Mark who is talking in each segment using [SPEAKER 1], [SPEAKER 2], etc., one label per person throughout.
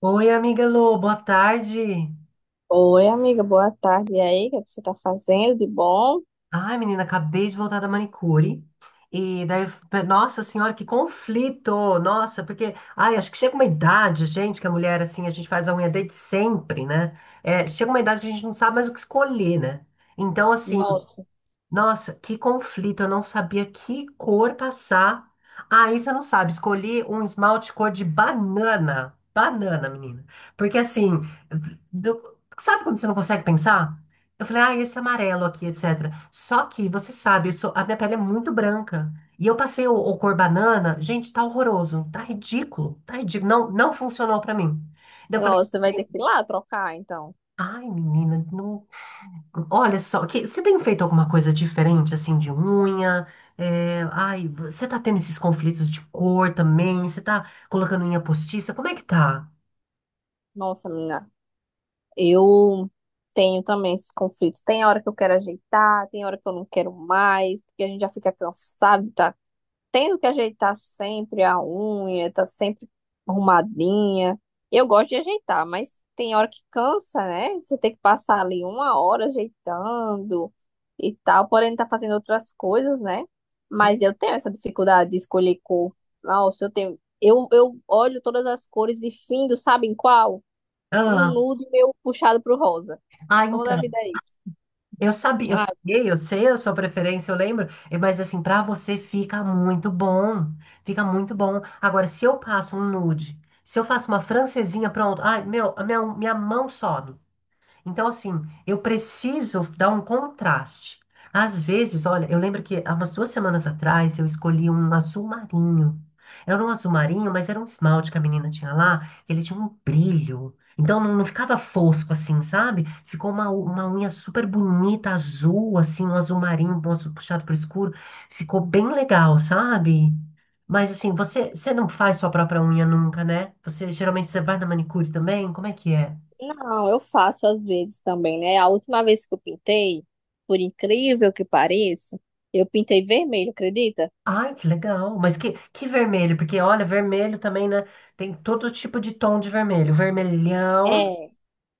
[SPEAKER 1] Oi, amiga Lu, boa tarde.
[SPEAKER 2] Oi, amiga, boa tarde. E aí, o que é que você tá fazendo de bom?
[SPEAKER 1] Ai, menina, acabei de voltar da manicure. E daí, nossa senhora, que conflito! Nossa, porque, ai, acho que chega uma idade, gente, que a mulher, assim, a gente faz a unha desde sempre, né? É, chega uma idade que a gente não sabe mais o que escolher, né? Então, assim,
[SPEAKER 2] Nossa,
[SPEAKER 1] nossa, que conflito, eu não sabia que cor passar. Aí você não sabe, escolhi um esmalte cor de banana. Banana, menina. Porque assim, sabe quando você não consegue pensar? Eu falei, ah, esse amarelo aqui, etc. Só que você sabe, a minha pele é muito branca. E eu passei o cor banana, gente, tá horroroso, tá ridículo, tá ridículo. Não, não funcionou pra mim. Daí eu falei,
[SPEAKER 2] nossa, vai ter que ir lá trocar, então.
[SPEAKER 1] ai, menina, não. Olha só, que, você tem feito alguma coisa diferente, assim, de unha? É, ai, você tá tendo esses conflitos de cor também? Você tá colocando unha postiça? Como é que tá?
[SPEAKER 2] Nossa, menina, eu tenho também esses conflitos. Tem hora que eu quero ajeitar, tem hora que eu não quero mais, porque a gente já fica cansado, tendo que ajeitar sempre a unha, tá sempre arrumadinha. Eu gosto de ajeitar, mas tem hora que cansa, né? Você tem que passar ali uma hora ajeitando e tal, porém tá fazendo outras coisas, né? Mas eu tenho essa dificuldade de escolher cor. Nossa, eu tenho. Eu olho todas as cores e findo, sabe em qual? Um
[SPEAKER 1] Ah,
[SPEAKER 2] nude meu puxado pro rosa.
[SPEAKER 1] ah,
[SPEAKER 2] Toda a
[SPEAKER 1] então,
[SPEAKER 2] vida é isso.
[SPEAKER 1] eu sabia, eu sei a sua preferência, eu lembro, eh, mas assim, pra você fica muito bom, fica muito bom. Agora, se eu passo um nude, se eu faço uma francesinha, pronto, ai, meu, a minha mão sobe. Então, assim, eu preciso dar um contraste. Às vezes, olha, eu lembro que há umas duas semanas atrás eu escolhi um azul marinho. Era um azul marinho, mas era um esmalte que a menina tinha lá, que ele tinha um brilho. Então não, não ficava fosco assim, sabe? Ficou uma unha super bonita, azul, assim, um azul marinho, um azul puxado pro escuro. Ficou bem legal, sabe? Mas assim, você não faz sua própria unha nunca, né? Você geralmente você vai na manicure também? Como é que é?
[SPEAKER 2] Não, eu faço às vezes também, né? A última vez que eu pintei, por incrível que pareça, eu pintei vermelho, acredita?
[SPEAKER 1] Ai, que legal. Mas que vermelho, porque olha, vermelho também, né? Tem todo tipo de tom de vermelho. Vermelhão.
[SPEAKER 2] É,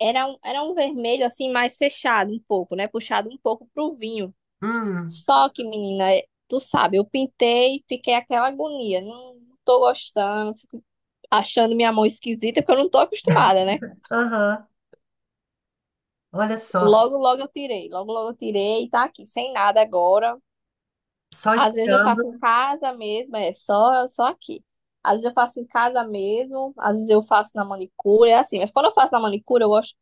[SPEAKER 2] era um vermelho assim mais fechado um pouco, né? Puxado um pouco pro vinho.
[SPEAKER 1] Hum,
[SPEAKER 2] Só que, menina, é- tu sabe, eu pintei, fiquei aquela agonia, não, não tô gostando, fico achando minha mão esquisita, porque eu não tô acostumada, né?
[SPEAKER 1] aham. Olha só.
[SPEAKER 2] Logo, logo eu tirei, logo, logo eu tirei, tá aqui, sem nada agora.
[SPEAKER 1] Só
[SPEAKER 2] Às vezes eu
[SPEAKER 1] esperando.
[SPEAKER 2] faço em casa mesmo, é só, só aqui. Às vezes eu faço em casa mesmo, às vezes eu faço na manicure, é assim. Mas quando eu faço na manicure, eu gosto.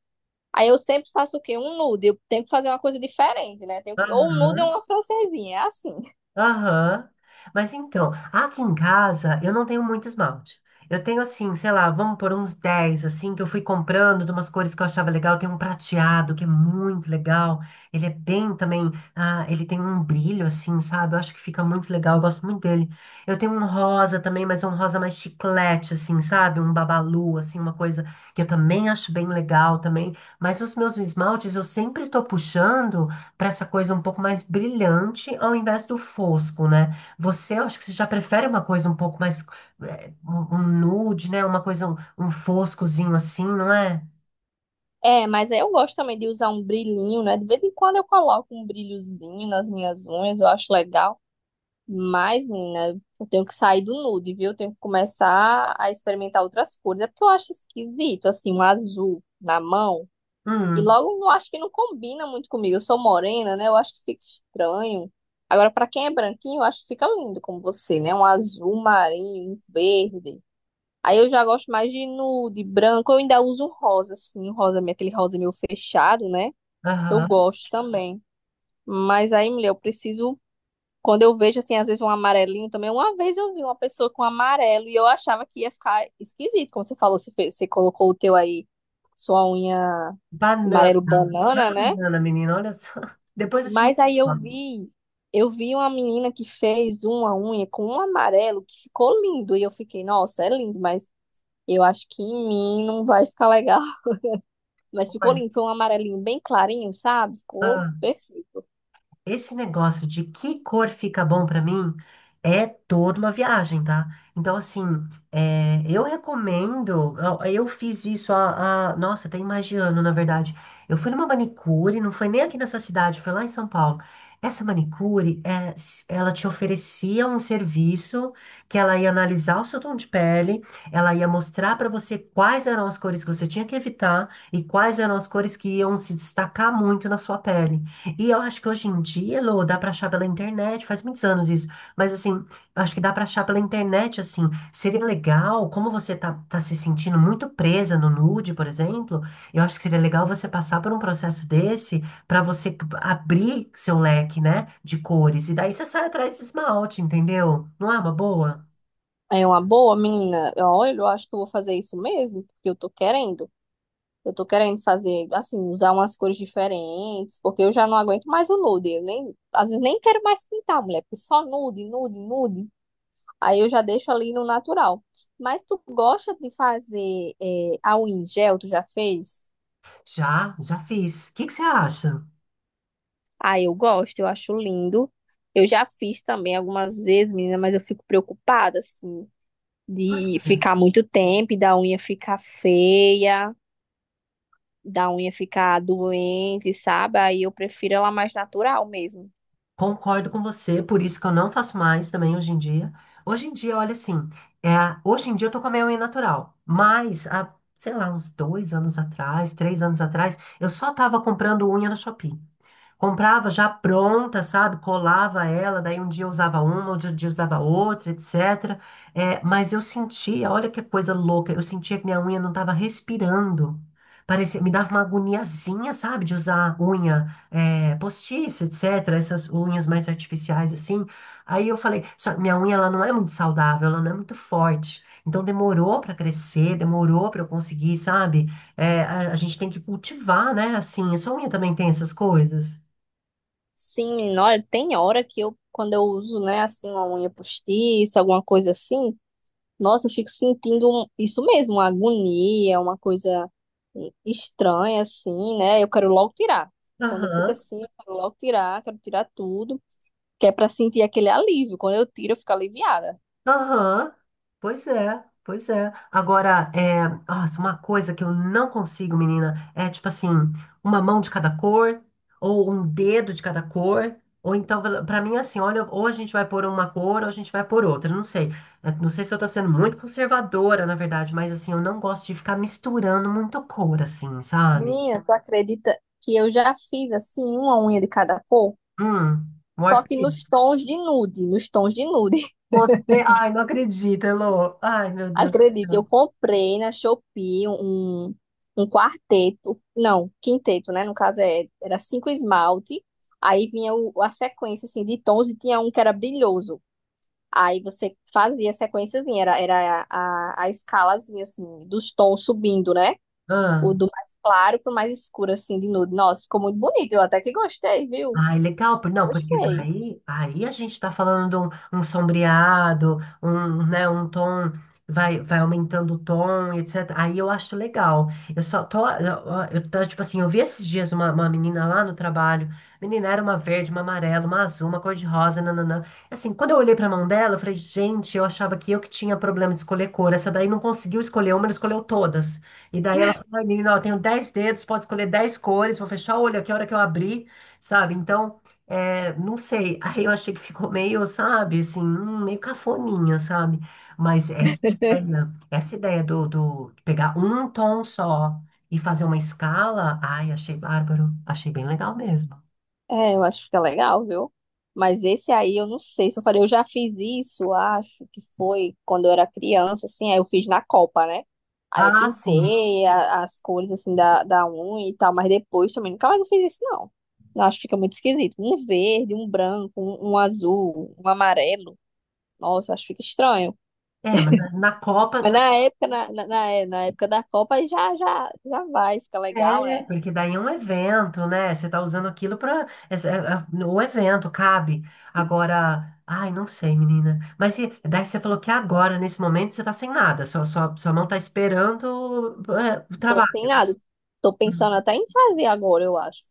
[SPEAKER 2] Aí eu sempre faço o quê? Um nude. Eu tenho que fazer uma coisa diferente, né? Tenho que... Ou um nude ou
[SPEAKER 1] Aham.
[SPEAKER 2] uma francesinha, é assim.
[SPEAKER 1] Aham. Mas então, aqui em casa eu não tenho muito esmalte. Eu tenho assim, sei lá, vamos por uns 10 assim, que eu fui comprando de umas cores que eu achava legal. Tem um prateado que é muito legal. Ele é bem também, ah, ele tem um brilho assim, sabe? Eu acho que fica muito legal, eu gosto muito dele. Eu tenho um rosa também, mas é um rosa mais chiclete, assim, sabe? Um babalu, assim, uma coisa que eu também acho bem legal também. Mas os meus esmaltes eu sempre tô puxando para essa coisa um pouco mais brilhante ao invés do fosco, né? Você, eu acho que você já prefere uma coisa um pouco mais eh, um nude, né? Uma coisa um, um foscozinho assim, não é?
[SPEAKER 2] É, mas aí eu gosto também de usar um brilhinho, né? De vez em quando eu coloco um brilhozinho nas minhas unhas, eu acho legal. Mas, menina, eu tenho que sair do nude, viu? Eu tenho que começar a experimentar outras cores. É porque eu acho esquisito, assim, um azul na mão. E
[SPEAKER 1] Hum,
[SPEAKER 2] logo, eu acho que não combina muito comigo. Eu sou morena, né? Eu acho que fica estranho. Agora, pra quem é branquinho, eu acho que fica lindo como você, né? Um azul marinho, um verde. Aí eu já gosto mais de nude, branco. Eu ainda uso rosa, assim, rosa, aquele rosa meio fechado, né? Eu
[SPEAKER 1] aham.
[SPEAKER 2] gosto também. Mas aí, mulher, eu preciso. Quando eu vejo, assim, às vezes um amarelinho também. Uma vez eu vi uma pessoa com amarelo e eu achava que ia ficar esquisito. Como você falou, você, fez- você colocou o teu aí, sua unha
[SPEAKER 1] Banana,
[SPEAKER 2] amarelo banana, né?
[SPEAKER 1] banana, menina, olha só. Depois eu te
[SPEAKER 2] Mas aí
[SPEAKER 1] mando.
[SPEAKER 2] eu vi uma menina que fez uma unha com um amarelo que ficou lindo. E eu fiquei, nossa, é lindo, mas eu acho que em mim não vai ficar legal. Mas ficou lindo, foi um amarelinho bem clarinho, sabe? Ficou
[SPEAKER 1] Olha.
[SPEAKER 2] perfeito.
[SPEAKER 1] Esse negócio de que cor fica bom pra mim é toda uma viagem, tá? Então, assim, é, eu recomendo. Eu fiz isso. Nossa, tem mais de ano, na verdade. Eu fui numa manicure, não foi nem aqui nessa cidade, foi lá em São Paulo. Essa manicure, é, ela te oferecia um serviço que ela ia analisar o seu tom de pele, ela ia mostrar pra você quais eram as cores que você tinha que evitar e quais eram as cores que iam se destacar muito na sua pele. E eu acho que hoje em dia, Lô, dá pra achar pela internet, faz muitos anos isso, mas assim, eu acho que dá pra achar pela internet, assim, seria legal, como você tá se sentindo muito presa no nude, por exemplo, eu acho que seria legal você passar por um processo desse pra você abrir seu leque, né, de cores, e daí você sai atrás de esmalte, entendeu? Não é uma boa?
[SPEAKER 2] É uma boa, menina. Olha, eu acho que eu vou fazer isso mesmo, porque eu tô querendo. Eu tô querendo fazer, assim, usar umas cores diferentes, porque eu já não aguento mais o nude. Eu nem, às vezes nem quero mais pintar, mulher, porque só nude, nude, nude. Aí eu já deixo ali no natural. Mas tu gosta de fazer é, a unha em gel? Tu já fez?
[SPEAKER 1] Já, já fiz. O que que você acha?
[SPEAKER 2] Ah, eu gosto, eu acho lindo. Eu já fiz também algumas vezes, menina, mas eu fico preocupada, assim, de ficar muito tempo e da unha ficar feia, da unha ficar doente, sabe? Aí eu prefiro ela mais natural mesmo.
[SPEAKER 1] Concordo com você, por isso que eu não faço mais também hoje em dia. Hoje em dia, olha assim, é, hoje em dia eu tô com a minha unha natural, mas há, sei lá, uns dois anos atrás, três anos atrás, eu só tava comprando unha no Shopee. Comprava já pronta, sabe? Colava ela, daí um dia eu usava uma, outro dia eu usava outra, etcétera. É, mas eu sentia, olha que coisa louca, eu sentia que minha unha não estava respirando. Parecia, me dava uma agoniazinha, sabe? De usar unha é, postiça, etcétera. Essas unhas mais artificiais, assim. Aí eu falei, só, minha unha ela não é muito saudável, ela não é muito forte. Então demorou para crescer, demorou para eu conseguir, sabe? É, a gente tem que cultivar, né? Assim, a sua unha também tem essas coisas.
[SPEAKER 2] Sim, menina, olha, tem hora que eu, quando eu uso, né, assim, uma unha postiça, alguma coisa assim. Nossa, eu fico sentindo um- isso mesmo, uma agonia, uma coisa estranha, assim, né? Eu quero logo tirar. Quando eu fico
[SPEAKER 1] Aham,
[SPEAKER 2] assim, eu quero logo tirar, quero tirar tudo, que é pra sentir aquele alívio. Quando eu tiro, eu fico aliviada.
[SPEAKER 1] aham. Pois é, pois é. Agora, é, nossa, uma coisa que eu não consigo, menina, é tipo assim, uma mão de cada cor, ou um dedo de cada cor, ou então, pra mim, é assim, olha, ou a gente vai por uma cor, ou a gente vai por outra, não sei. É, não sei se eu tô sendo muito conservadora, na verdade, mas assim, eu não gosto de ficar misturando muito cor, assim, sabe?
[SPEAKER 2] Menina, tu acredita que eu já fiz, assim, uma unha de cada cor?
[SPEAKER 1] Hum, um
[SPEAKER 2] Só que
[SPEAKER 1] arco-íris.
[SPEAKER 2] nos tons de nude, nos tons de nude.
[SPEAKER 1] Você, ai, não acredito, Elô. Ai, meu Deus do
[SPEAKER 2] Acredita,
[SPEAKER 1] céu.
[SPEAKER 2] eu comprei na Shopee um quarteto, não, quinteto, né? No caso é, era cinco esmalte, aí vinha o- a sequência assim, de tons e tinha um que era brilhoso. Aí você fazia a sequenciazinha, era, era a escalazinha assim, dos tons subindo, né?
[SPEAKER 1] Ah.
[SPEAKER 2] O do mais claro pro mais escuro, assim, de nude. Nossa, ficou muito bonito, eu até que gostei, viu?
[SPEAKER 1] Ai, legal, não, porque
[SPEAKER 2] Gostei.
[SPEAKER 1] daí, aí a gente está falando de um sombreado, um, né, um tom, vai, vai aumentando o tom, etc. Aí eu acho legal. Eu só tô, eu, eu tô, tipo assim, eu vi esses dias uma menina lá no trabalho, menina era uma verde, uma amarela, uma azul, uma cor de rosa, nananã. Assim, quando eu olhei pra mão dela, eu falei, gente, eu achava que eu que tinha problema de escolher cor, essa daí não conseguiu escolher uma, ela escolheu todas. E daí ela falou, ai, menina, ó, eu tenho 10 dedos, pode escolher 10 cores, vou fechar o olho aqui a hora que eu abrir sabe? Então, é, não sei. Aí eu achei que ficou meio, sabe, assim, meio cafoninha, sabe? Mas essa ideia do, do de pegar um tom só e fazer uma escala, ai, achei bárbaro, achei bem legal mesmo.
[SPEAKER 2] É, eu acho que fica legal, viu? Mas esse aí eu não sei se eu falei, eu já fiz isso, acho que foi quando eu era criança, assim, aí eu fiz na Copa, né? Aí eu
[SPEAKER 1] Ah, sim.
[SPEAKER 2] pintei a- as cores, assim, da unha e tal, mas depois também nunca mais eu fiz isso, não. Eu acho que fica muito esquisito. Um verde, um branco, um azul, um amarelo. Nossa, acho que fica estranho.
[SPEAKER 1] É, mas na Copa.
[SPEAKER 2] Mas na época, na é, na época da Copa, aí já, já, já vai, fica legal,
[SPEAKER 1] É,
[SPEAKER 2] né?
[SPEAKER 1] porque daí é um evento, né? Você tá usando aquilo para o evento, cabe. Agora, ai, não sei, menina. Mas se, Daí você falou que agora, nesse momento, você tá sem nada. Sua mão tá esperando é, o
[SPEAKER 2] Tô sem
[SPEAKER 1] trabalho.
[SPEAKER 2] nada. Tô
[SPEAKER 1] Hum.
[SPEAKER 2] pensando até em fazer agora, eu acho.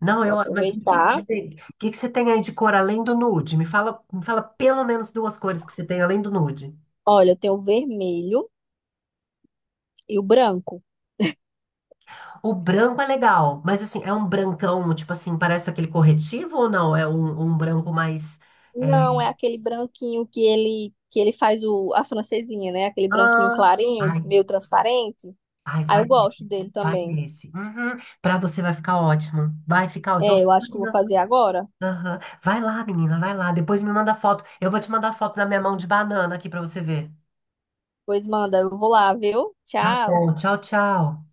[SPEAKER 1] Não,
[SPEAKER 2] Vou
[SPEAKER 1] eu. Mas o que que você
[SPEAKER 2] aproveitar.
[SPEAKER 1] tem, o que que você tem aí de cor além do nude? Me fala pelo menos duas cores que você tem além do nude.
[SPEAKER 2] Olha, eu tenho o vermelho e o branco.
[SPEAKER 1] O branco é legal, mas assim, é um brancão, tipo assim, parece aquele corretivo ou não? É um, branco mais. É,
[SPEAKER 2] Não, é aquele branquinho que ele faz o, a francesinha, né? Aquele branquinho
[SPEAKER 1] ah,
[SPEAKER 2] clarinho,
[SPEAKER 1] ai,
[SPEAKER 2] meio transparente.
[SPEAKER 1] ai,
[SPEAKER 2] Aí eu
[SPEAKER 1] vai,
[SPEAKER 2] gosto dele
[SPEAKER 1] vai
[SPEAKER 2] também.
[SPEAKER 1] nesse. Uhum. Pra você vai ficar ótimo. Vai ficar, eu tô...
[SPEAKER 2] É, eu acho que eu vou fazer agora.
[SPEAKER 1] Aham. Vai lá, menina, vai lá. Depois me manda foto. Eu vou te mandar foto da minha mão de banana aqui pra você ver.
[SPEAKER 2] Pois manda, eu vou lá, viu?
[SPEAKER 1] Tá
[SPEAKER 2] Tchau.
[SPEAKER 1] bom, tchau, tchau.